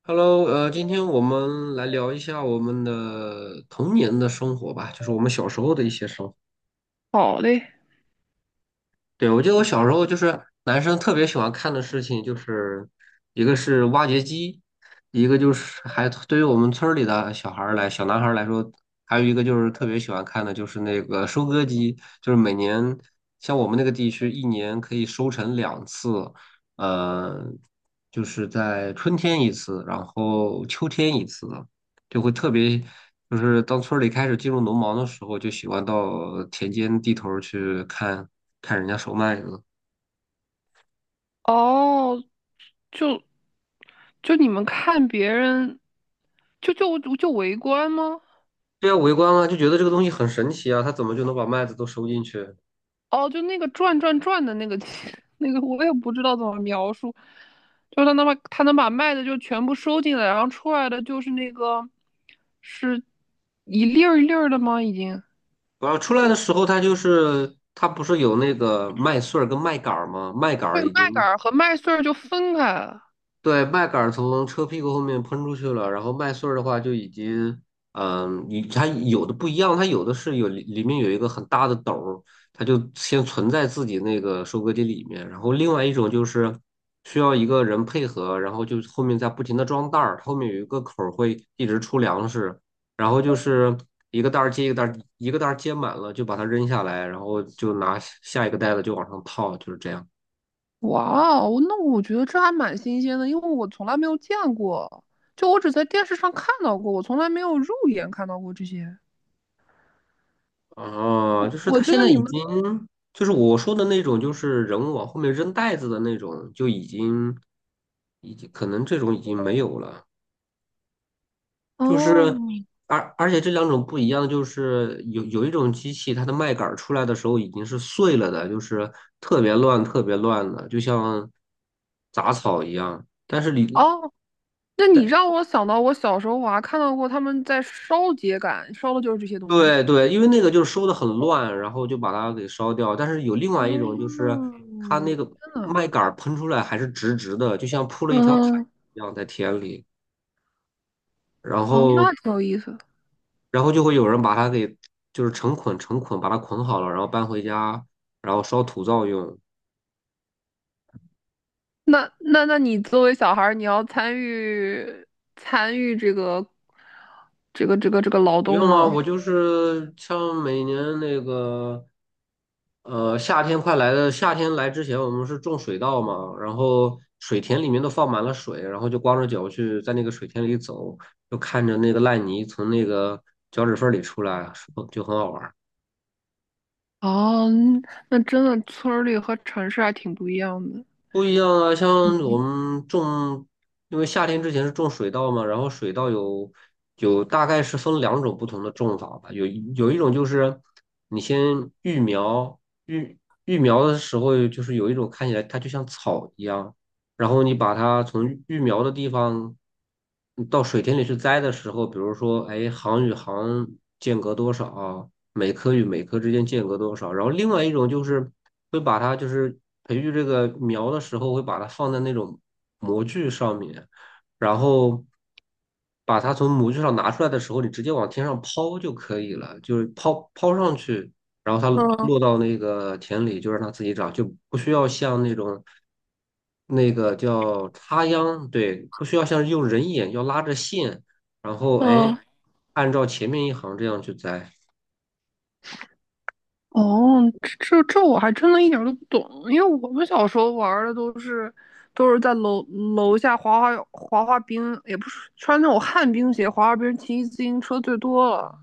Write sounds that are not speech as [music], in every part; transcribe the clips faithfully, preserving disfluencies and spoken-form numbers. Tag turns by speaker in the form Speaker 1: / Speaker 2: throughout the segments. Speaker 1: Hello，呃，今天我们来聊一下我们的童年的生活吧，就是我们小时候的一些生活。
Speaker 2: 好嘞，
Speaker 1: 对，我记得我小时候就是男生特别喜欢看的事情，就是一个是挖掘机，一个就是还对于我们村儿里的小孩儿来，小男孩儿来说，还有一个就是特别喜欢看的就是那个收割机，就是每年像我们那个地区一年可以收成两次，呃，就是在春天一次，然后秋天一次。就会特别，就是当村儿里开始进入农忙的时候，就喜欢到田间地头儿去看看人家收麦子。
Speaker 2: 哦，就就你们看别人，就就就围观吗？
Speaker 1: 对啊，围观啊，就觉得这个东西很神奇啊，他怎么就能把麦子都收进去？
Speaker 2: 哦，就那个转转转的那个 [laughs] 那个，我也不知道怎么描述，就他能把他能把麦子就全部收进来，然后出来的就是那个是一粒儿一粒儿的吗？已经
Speaker 1: 然后出来的时候，他就是他不是有那个麦穗儿跟麦秆儿吗？麦秆儿
Speaker 2: 对，
Speaker 1: 已经
Speaker 2: 麦秆儿和麦穗儿就分开了。
Speaker 1: 对，麦秆儿从车屁股后面喷出去了，然后麦穗儿的话就已经，嗯，你它有的不一样，它有的是有里里面有一个很大的斗儿，它就先存在自己那个收割机里面，然后另外一种就是需要一个人配合，然后就后面再不停的装袋儿，后面有一个口儿会一直出粮食，然后就是一个袋儿接一个袋儿，一个袋儿接满了就把它扔下来，然后就拿下一个袋子就往上套，就是这样。
Speaker 2: 哇哦，那我觉得这还蛮新鲜的，因为我从来没有见过，就我只在电视上看到过，我从来没有肉眼看到过这些。
Speaker 1: 哦，就是
Speaker 2: 我
Speaker 1: 他
Speaker 2: 觉
Speaker 1: 现
Speaker 2: 得
Speaker 1: 在
Speaker 2: 你
Speaker 1: 已
Speaker 2: 们。
Speaker 1: 经，就是我说的那种，就是人物往后面扔袋子的那种，就已经，已经可能这种已经没有了。就
Speaker 2: 哦
Speaker 1: 是，而而且这两种不一样，就是有有一种机器，它的麦秆儿出来的时候已经是碎了的，就是特别乱、特别乱的，就像杂草一样。但是你，
Speaker 2: 哦，那你
Speaker 1: 但
Speaker 2: 让我想到我小时候我还看到过他们在烧秸秆，烧的就是这些东西吧？
Speaker 1: 对对，因为那个就是收的很乱，然后就把它给烧掉。但是有另外一种，就是它那
Speaker 2: 嗯，
Speaker 1: 个
Speaker 2: 天呐。
Speaker 1: 麦秆儿喷出来还是直直的，就像铺了一条毯
Speaker 2: 嗯，
Speaker 1: 一样在田里。然
Speaker 2: 哦，
Speaker 1: 后，
Speaker 2: 那挺有意思的。
Speaker 1: 然后就会有人把它给就是成捆成捆把它捆好了，然后搬回家，然后烧土灶用。
Speaker 2: 那那那你作为小孩儿，你要参与参与这个这个这个这个
Speaker 1: 不
Speaker 2: 劳动
Speaker 1: 用啊，
Speaker 2: 吗？
Speaker 1: 我就是像每年那个，呃，夏天快来的，夏天来之前，我们是种水稻嘛，然后水田里面都放满了水，然后就光着脚去在那个水田里走，就看着那个烂泥从那个脚趾缝里出来，就很好玩。
Speaker 2: 哦，那真的村儿里和城市还挺不一样的。
Speaker 1: 不一样啊，像我们种，因为夏天之前是种水稻嘛，然后水稻有有大概是分两种不同的种法吧，有一有一种就是你先育苗，育育苗的时候就是有一种看起来它就像草一样，然后你把它从育育苗的地方到水田里去栽的时候，比如说哎行与行间隔多少，每棵与每棵之间间隔多少。然后另外一种就是会把它就是培育这个苗的时候，会把它放在那种模具上面，然后把它从模具上拿出来的时候，你直接往天上抛就可以了，就是抛抛上去，然后它
Speaker 2: 嗯。
Speaker 1: 落到那个田里就让它自己长，就不需要像那种。那个叫插秧，对，不需要像是用人眼要拉着线，然后哎，
Speaker 2: 嗯，
Speaker 1: 按照前面一行这样去栽。
Speaker 2: 哦，这这我还真的一点儿都不懂，因为我们小时候玩儿的都是都是在楼楼下滑滑滑滑冰，也不是穿那种旱冰鞋滑滑冰，骑自行车最多了。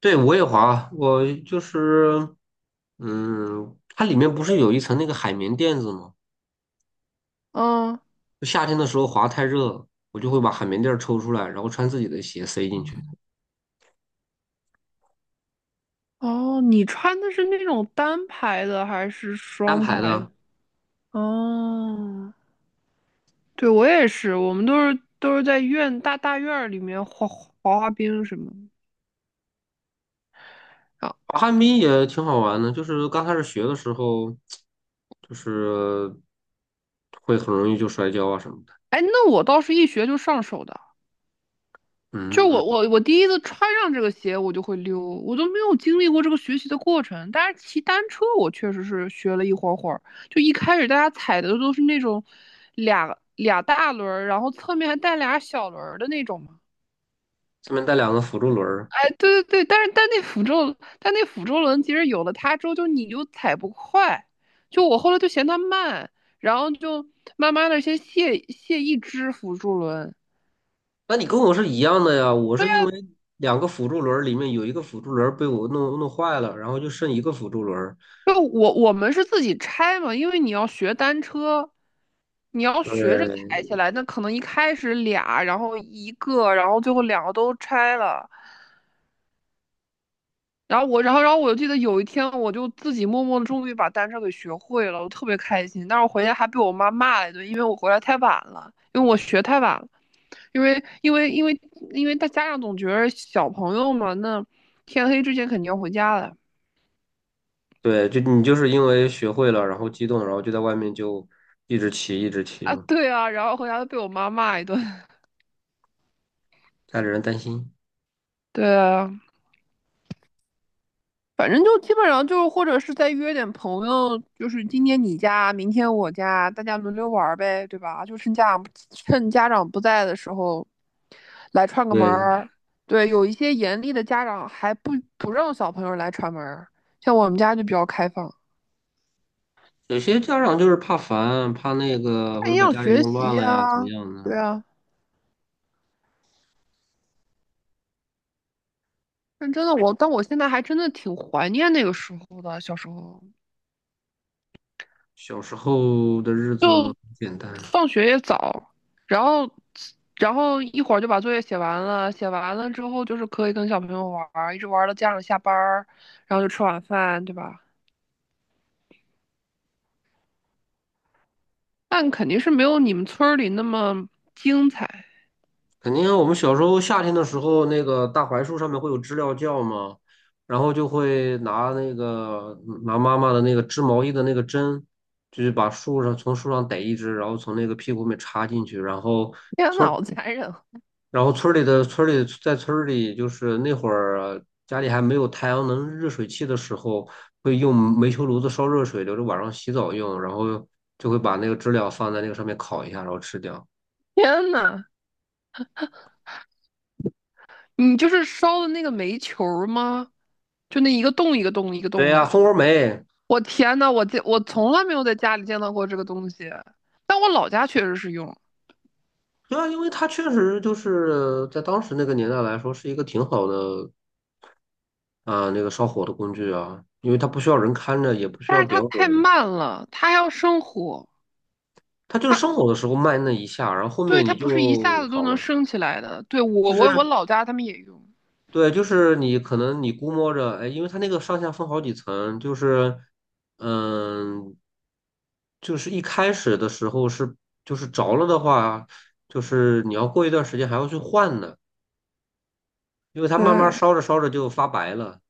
Speaker 1: 对，我也滑啊，我就是，嗯，它里面不是有一层那个海绵垫子吗？
Speaker 2: 嗯，
Speaker 1: 就夏天的时候滑太热了我就会把海绵垫儿抽出来，然后穿自己的鞋塞进去，
Speaker 2: 哦，你穿的是那种单排的还是
Speaker 1: 单
Speaker 2: 双
Speaker 1: 排
Speaker 2: 排的？
Speaker 1: 的。
Speaker 2: 哦，对，我也是，我们都是都是在院大大院儿里面滑滑滑冰什么的。啊。
Speaker 1: 滑旱冰也挺好玩的，就是刚开始学的时候，就是会很容易就摔跤啊什么的。
Speaker 2: 哎，那我倒是一学就上手的。就
Speaker 1: 嗯，
Speaker 2: 我我我第一次穿上这个鞋，我就会溜，我都没有经历过这个学习的过程。但是骑单车，我确实是学了一会儿会儿。就一开始大家踩的都是那种俩俩大轮儿，然后侧面还带俩小轮儿的那种嘛。
Speaker 1: 上面带两个辅助轮儿，
Speaker 2: 哎，对对对，但是但那辅助但那辅助轮其实有了它之后，就你就踩不快。就我后来就嫌它慢，然后就慢慢的先卸卸一只辅助轮。
Speaker 1: 那你跟我是一样的呀，我是因为两个辅助轮儿里面有一个辅助轮儿被我弄弄坏了，然后就剩一个辅助轮儿。
Speaker 2: 就我我们是自己拆嘛，因为你要学单车，你要学着抬起来，那可能一开始俩，然后一个，然后最后两个都拆了。然后我，然后，然后我就记得有一天，我就自己默默的终于把单车给学会了，我特别开心。但是我回家还被我妈骂了一顿，因为我回来太晚了，因为我学太晚了，因为因为因为因为大家长总觉得小朋友嘛，那天黑之前肯定要回家的。
Speaker 1: 对，就你就是因为学会了，然后激动，然后就在外面就一直骑，一直骑
Speaker 2: 啊，
Speaker 1: 嘛，
Speaker 2: 对啊，然后回家就被我妈骂一顿。
Speaker 1: 家里人担心。
Speaker 2: [laughs] 对啊。反正就基本上就是，或者是再约点朋友，就是今天你家，明天我家，大家轮流玩儿呗，对吧？就趁家趁家长不在的时候来串个门
Speaker 1: 对，
Speaker 2: 儿。对，有一些严厉的家长还不不让小朋友来串门儿，像我们家就比较开放，
Speaker 1: 有些家长就是怕烦，怕那个或
Speaker 2: 看
Speaker 1: 者
Speaker 2: 营
Speaker 1: 把
Speaker 2: 养
Speaker 1: 家里
Speaker 2: 学
Speaker 1: 弄
Speaker 2: 习
Speaker 1: 乱了呀，怎么
Speaker 2: 呀、
Speaker 1: 样呢？
Speaker 2: 对啊。但真的我，但我现在还真的挺怀念那个时候的小时候。
Speaker 1: 小时候的日子很简单，
Speaker 2: 放学也早，然后然后一会儿就把作业写完了，写完了之后就是可以跟小朋友玩儿一直玩儿到家长下班儿然后就吃晚饭，对吧？但肯定是没有你们村儿里那么精彩。
Speaker 1: 肯定我们小时候夏天的时候，那个大槐树上面会有知了叫嘛，然后就会拿那个拿妈妈的那个织毛衣的那个针，就是把树上从树上逮一只，然后从那个屁股里面插进去，然后。
Speaker 2: 天呐，好残忍！
Speaker 1: 然后村儿里的村儿里在村儿里，就是那会儿家里还没有太阳能热水器的时候，会用煤球炉子烧热水，留着晚上洗澡用，然后就会把那个知了放在那个上面烤一下，然后吃掉。
Speaker 2: 天呐，你就是烧的那个煤球儿吗？就那一个洞一个洞一个
Speaker 1: 对
Speaker 2: 洞
Speaker 1: 呀，
Speaker 2: 的。
Speaker 1: 蜂窝煤，
Speaker 2: 我天呐，我见我从来没有在家里见到过这个东西，但我老家确实是用，
Speaker 1: 对啊，因为它确实就是在当时那个年代来说是一个挺好的啊、那个烧火的工具啊，因为它不需要人看着，也不需
Speaker 2: 但
Speaker 1: 要
Speaker 2: 是
Speaker 1: 点
Speaker 2: 它太
Speaker 1: 火，
Speaker 2: 慢了，它还要生火，
Speaker 1: 它就
Speaker 2: 它
Speaker 1: 是生火的时候慢那一下，然后后
Speaker 2: 对，
Speaker 1: 面
Speaker 2: 它
Speaker 1: 你
Speaker 2: 不是一下
Speaker 1: 就
Speaker 2: 子都
Speaker 1: 好
Speaker 2: 能
Speaker 1: 了。
Speaker 2: 升起来的。对，
Speaker 1: 就
Speaker 2: 我
Speaker 1: 是
Speaker 2: 我我老家他们也用。
Speaker 1: 对，就是你可能你估摸着，哎，因为它那个上下分好几层，就是，嗯，就是一开始的时候是就是着了的话，就是你要过一段时间还要去换呢，因为它慢慢
Speaker 2: 对，
Speaker 1: 烧着烧着就发白了。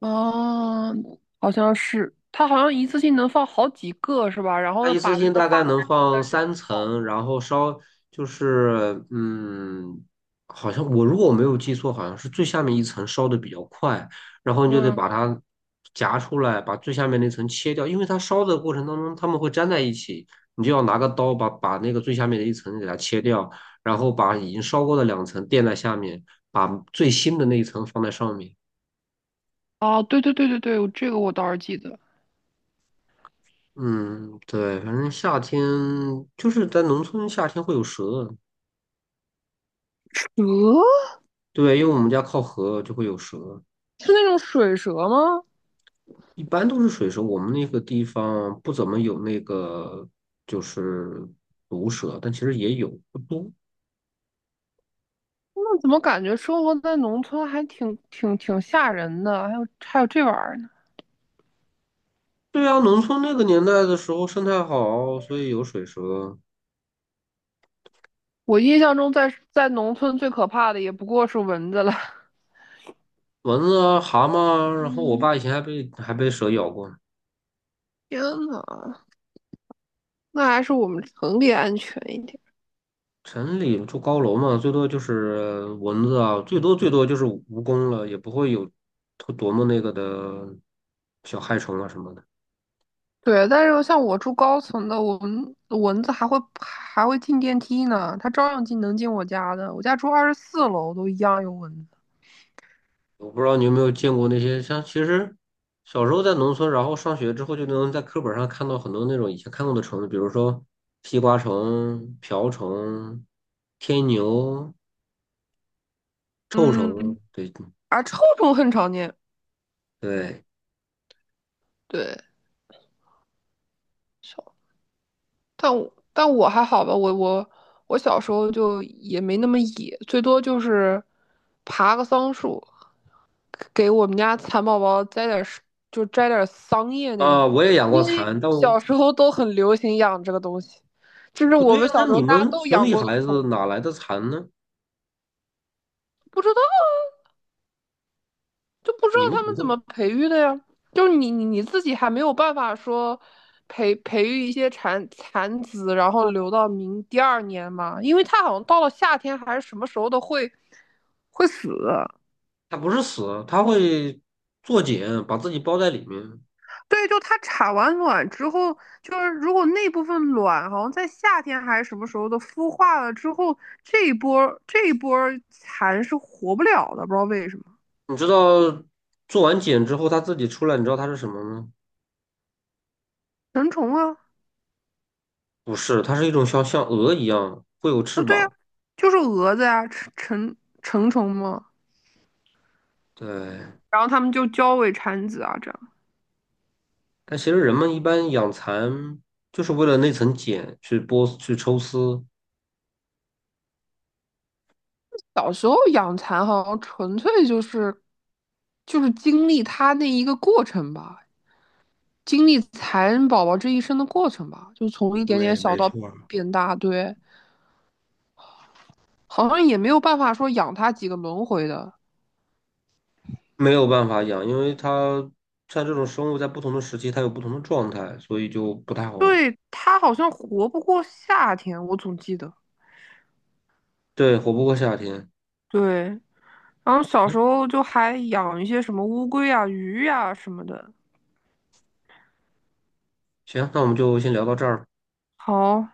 Speaker 2: 哦，好像是，它好像一次性能放好几个是吧？然
Speaker 1: 它
Speaker 2: 后
Speaker 1: 一次
Speaker 2: 把那
Speaker 1: 性
Speaker 2: 个
Speaker 1: 大概
Speaker 2: 发牌
Speaker 1: 能放三层，然后烧就是嗯，好像我如果我没有记错，好像是最下面一层烧的比较快，然后
Speaker 2: 的。
Speaker 1: 你就得把
Speaker 2: 嗯，
Speaker 1: 它夹出来，把最下面那层切掉，因为它烧的过程当中它们会粘在一起，你就要拿个刀把把那个最下面的一层给它切掉，然后把已经烧过的两层垫在下面，把最新的那一层放在上面。
Speaker 2: 啊，对对对对对，这个我倒是记得。
Speaker 1: 嗯，对，反正夏天就是在农村，夏天会有蛇。
Speaker 2: 蛇
Speaker 1: 对，因为我们家靠河就会有蛇，
Speaker 2: 是那种水蛇吗？
Speaker 1: 一般都是水蛇。我们那个地方不怎么有那个就是毒蛇，但其实也有，不多。
Speaker 2: 那怎么感觉生活在农村还挺挺挺吓人的？还有还有这玩意儿呢？
Speaker 1: 对啊，农村那个年代的时候生态好，所以有水蛇、
Speaker 2: 我印象中在在农村最可怕的也不过是蚊子了。
Speaker 1: 蚊子啊、蛤蟆啊然后我
Speaker 2: 嗯，
Speaker 1: 爸以前还被还被蛇咬过。
Speaker 2: 天呐，那还是我们城里安全一点。
Speaker 1: 城里住高楼嘛，最多就是蚊子啊，最多最多就是蜈蚣了，也不会有多多么那个的小害虫啊什么的。
Speaker 2: 对，但是像我住高层的，我们蚊子还会还会进电梯呢，它照样进能进我家的。我家住二十四楼，都一样有蚊子。
Speaker 1: 我不知道你有没有见过那些像，其实小时候在农村，然后上学之后就能在课本上看到很多那种以前看过的虫子，比如说西瓜虫、瓢虫、天牛、臭虫，
Speaker 2: 嗯，
Speaker 1: 对
Speaker 2: 啊，臭虫很常见。
Speaker 1: 对
Speaker 2: 对，少，但我但我还好吧，我我我小时候就也没那么野，最多就是爬个桑树。给我们家蚕宝宝摘点儿，就摘点儿桑叶那种，
Speaker 1: 啊，我也养过
Speaker 2: 因为
Speaker 1: 蚕，但我
Speaker 2: 小时候都很流行养这个东西，这是
Speaker 1: 不
Speaker 2: 我
Speaker 1: 对
Speaker 2: 们
Speaker 1: 啊，那
Speaker 2: 小时候
Speaker 1: 你
Speaker 2: 大家
Speaker 1: 们
Speaker 2: 都
Speaker 1: 城
Speaker 2: 养
Speaker 1: 里
Speaker 2: 过的
Speaker 1: 孩
Speaker 2: 宠
Speaker 1: 子
Speaker 2: 物。
Speaker 1: 哪来的蚕呢？
Speaker 2: 不知道，就不知道
Speaker 1: 你们
Speaker 2: 他
Speaker 1: 怎么
Speaker 2: 们怎么
Speaker 1: 会？
Speaker 2: 培育的呀，就是你你你自己还没有办法说培培育一些蚕蚕子，然后留到明第二年嘛，因为它好像到了夏天还是什么时候都会会死。
Speaker 1: 它不是死，它会做茧，把自己包在里面。
Speaker 2: 对，就它产完卵之后，就是如果那部分卵好像在夏天还是什么时候的孵化了之后，这一波这一波蚕是活不了的，不知道为什么。
Speaker 1: 你知道做完茧之后它自己出来，你知道它是什么吗？
Speaker 2: 成虫啊，
Speaker 1: 不是，它是一种像像鹅一样会有翅
Speaker 2: 对呀、啊，
Speaker 1: 膀。
Speaker 2: 就是蛾子呀、成成成虫嘛。
Speaker 1: 对，
Speaker 2: 然后它们就交尾产子啊，这样。
Speaker 1: 但其实人们一般养蚕就是为了那层茧去剥去抽丝，
Speaker 2: 小时候养蚕好像纯粹就是就是经历它那一个过程吧，经历蚕宝宝这一生的过程吧，就从一点点
Speaker 1: 对，
Speaker 2: 小
Speaker 1: 没
Speaker 2: 到
Speaker 1: 错儿
Speaker 2: 变大，对。好像也没有办法说养它几个轮回的。
Speaker 1: 没有办法养，因为它像这种生物在不同的时期它有不同的状态，所以就不太好，
Speaker 2: 对，它好像活不过夏天，我总记得。
Speaker 1: 对，活不过夏天。
Speaker 2: 对，然后小时候就还养一些什么乌龟啊、鱼啊什么的。
Speaker 1: 行，那我们就先聊到这儿。
Speaker 2: 好，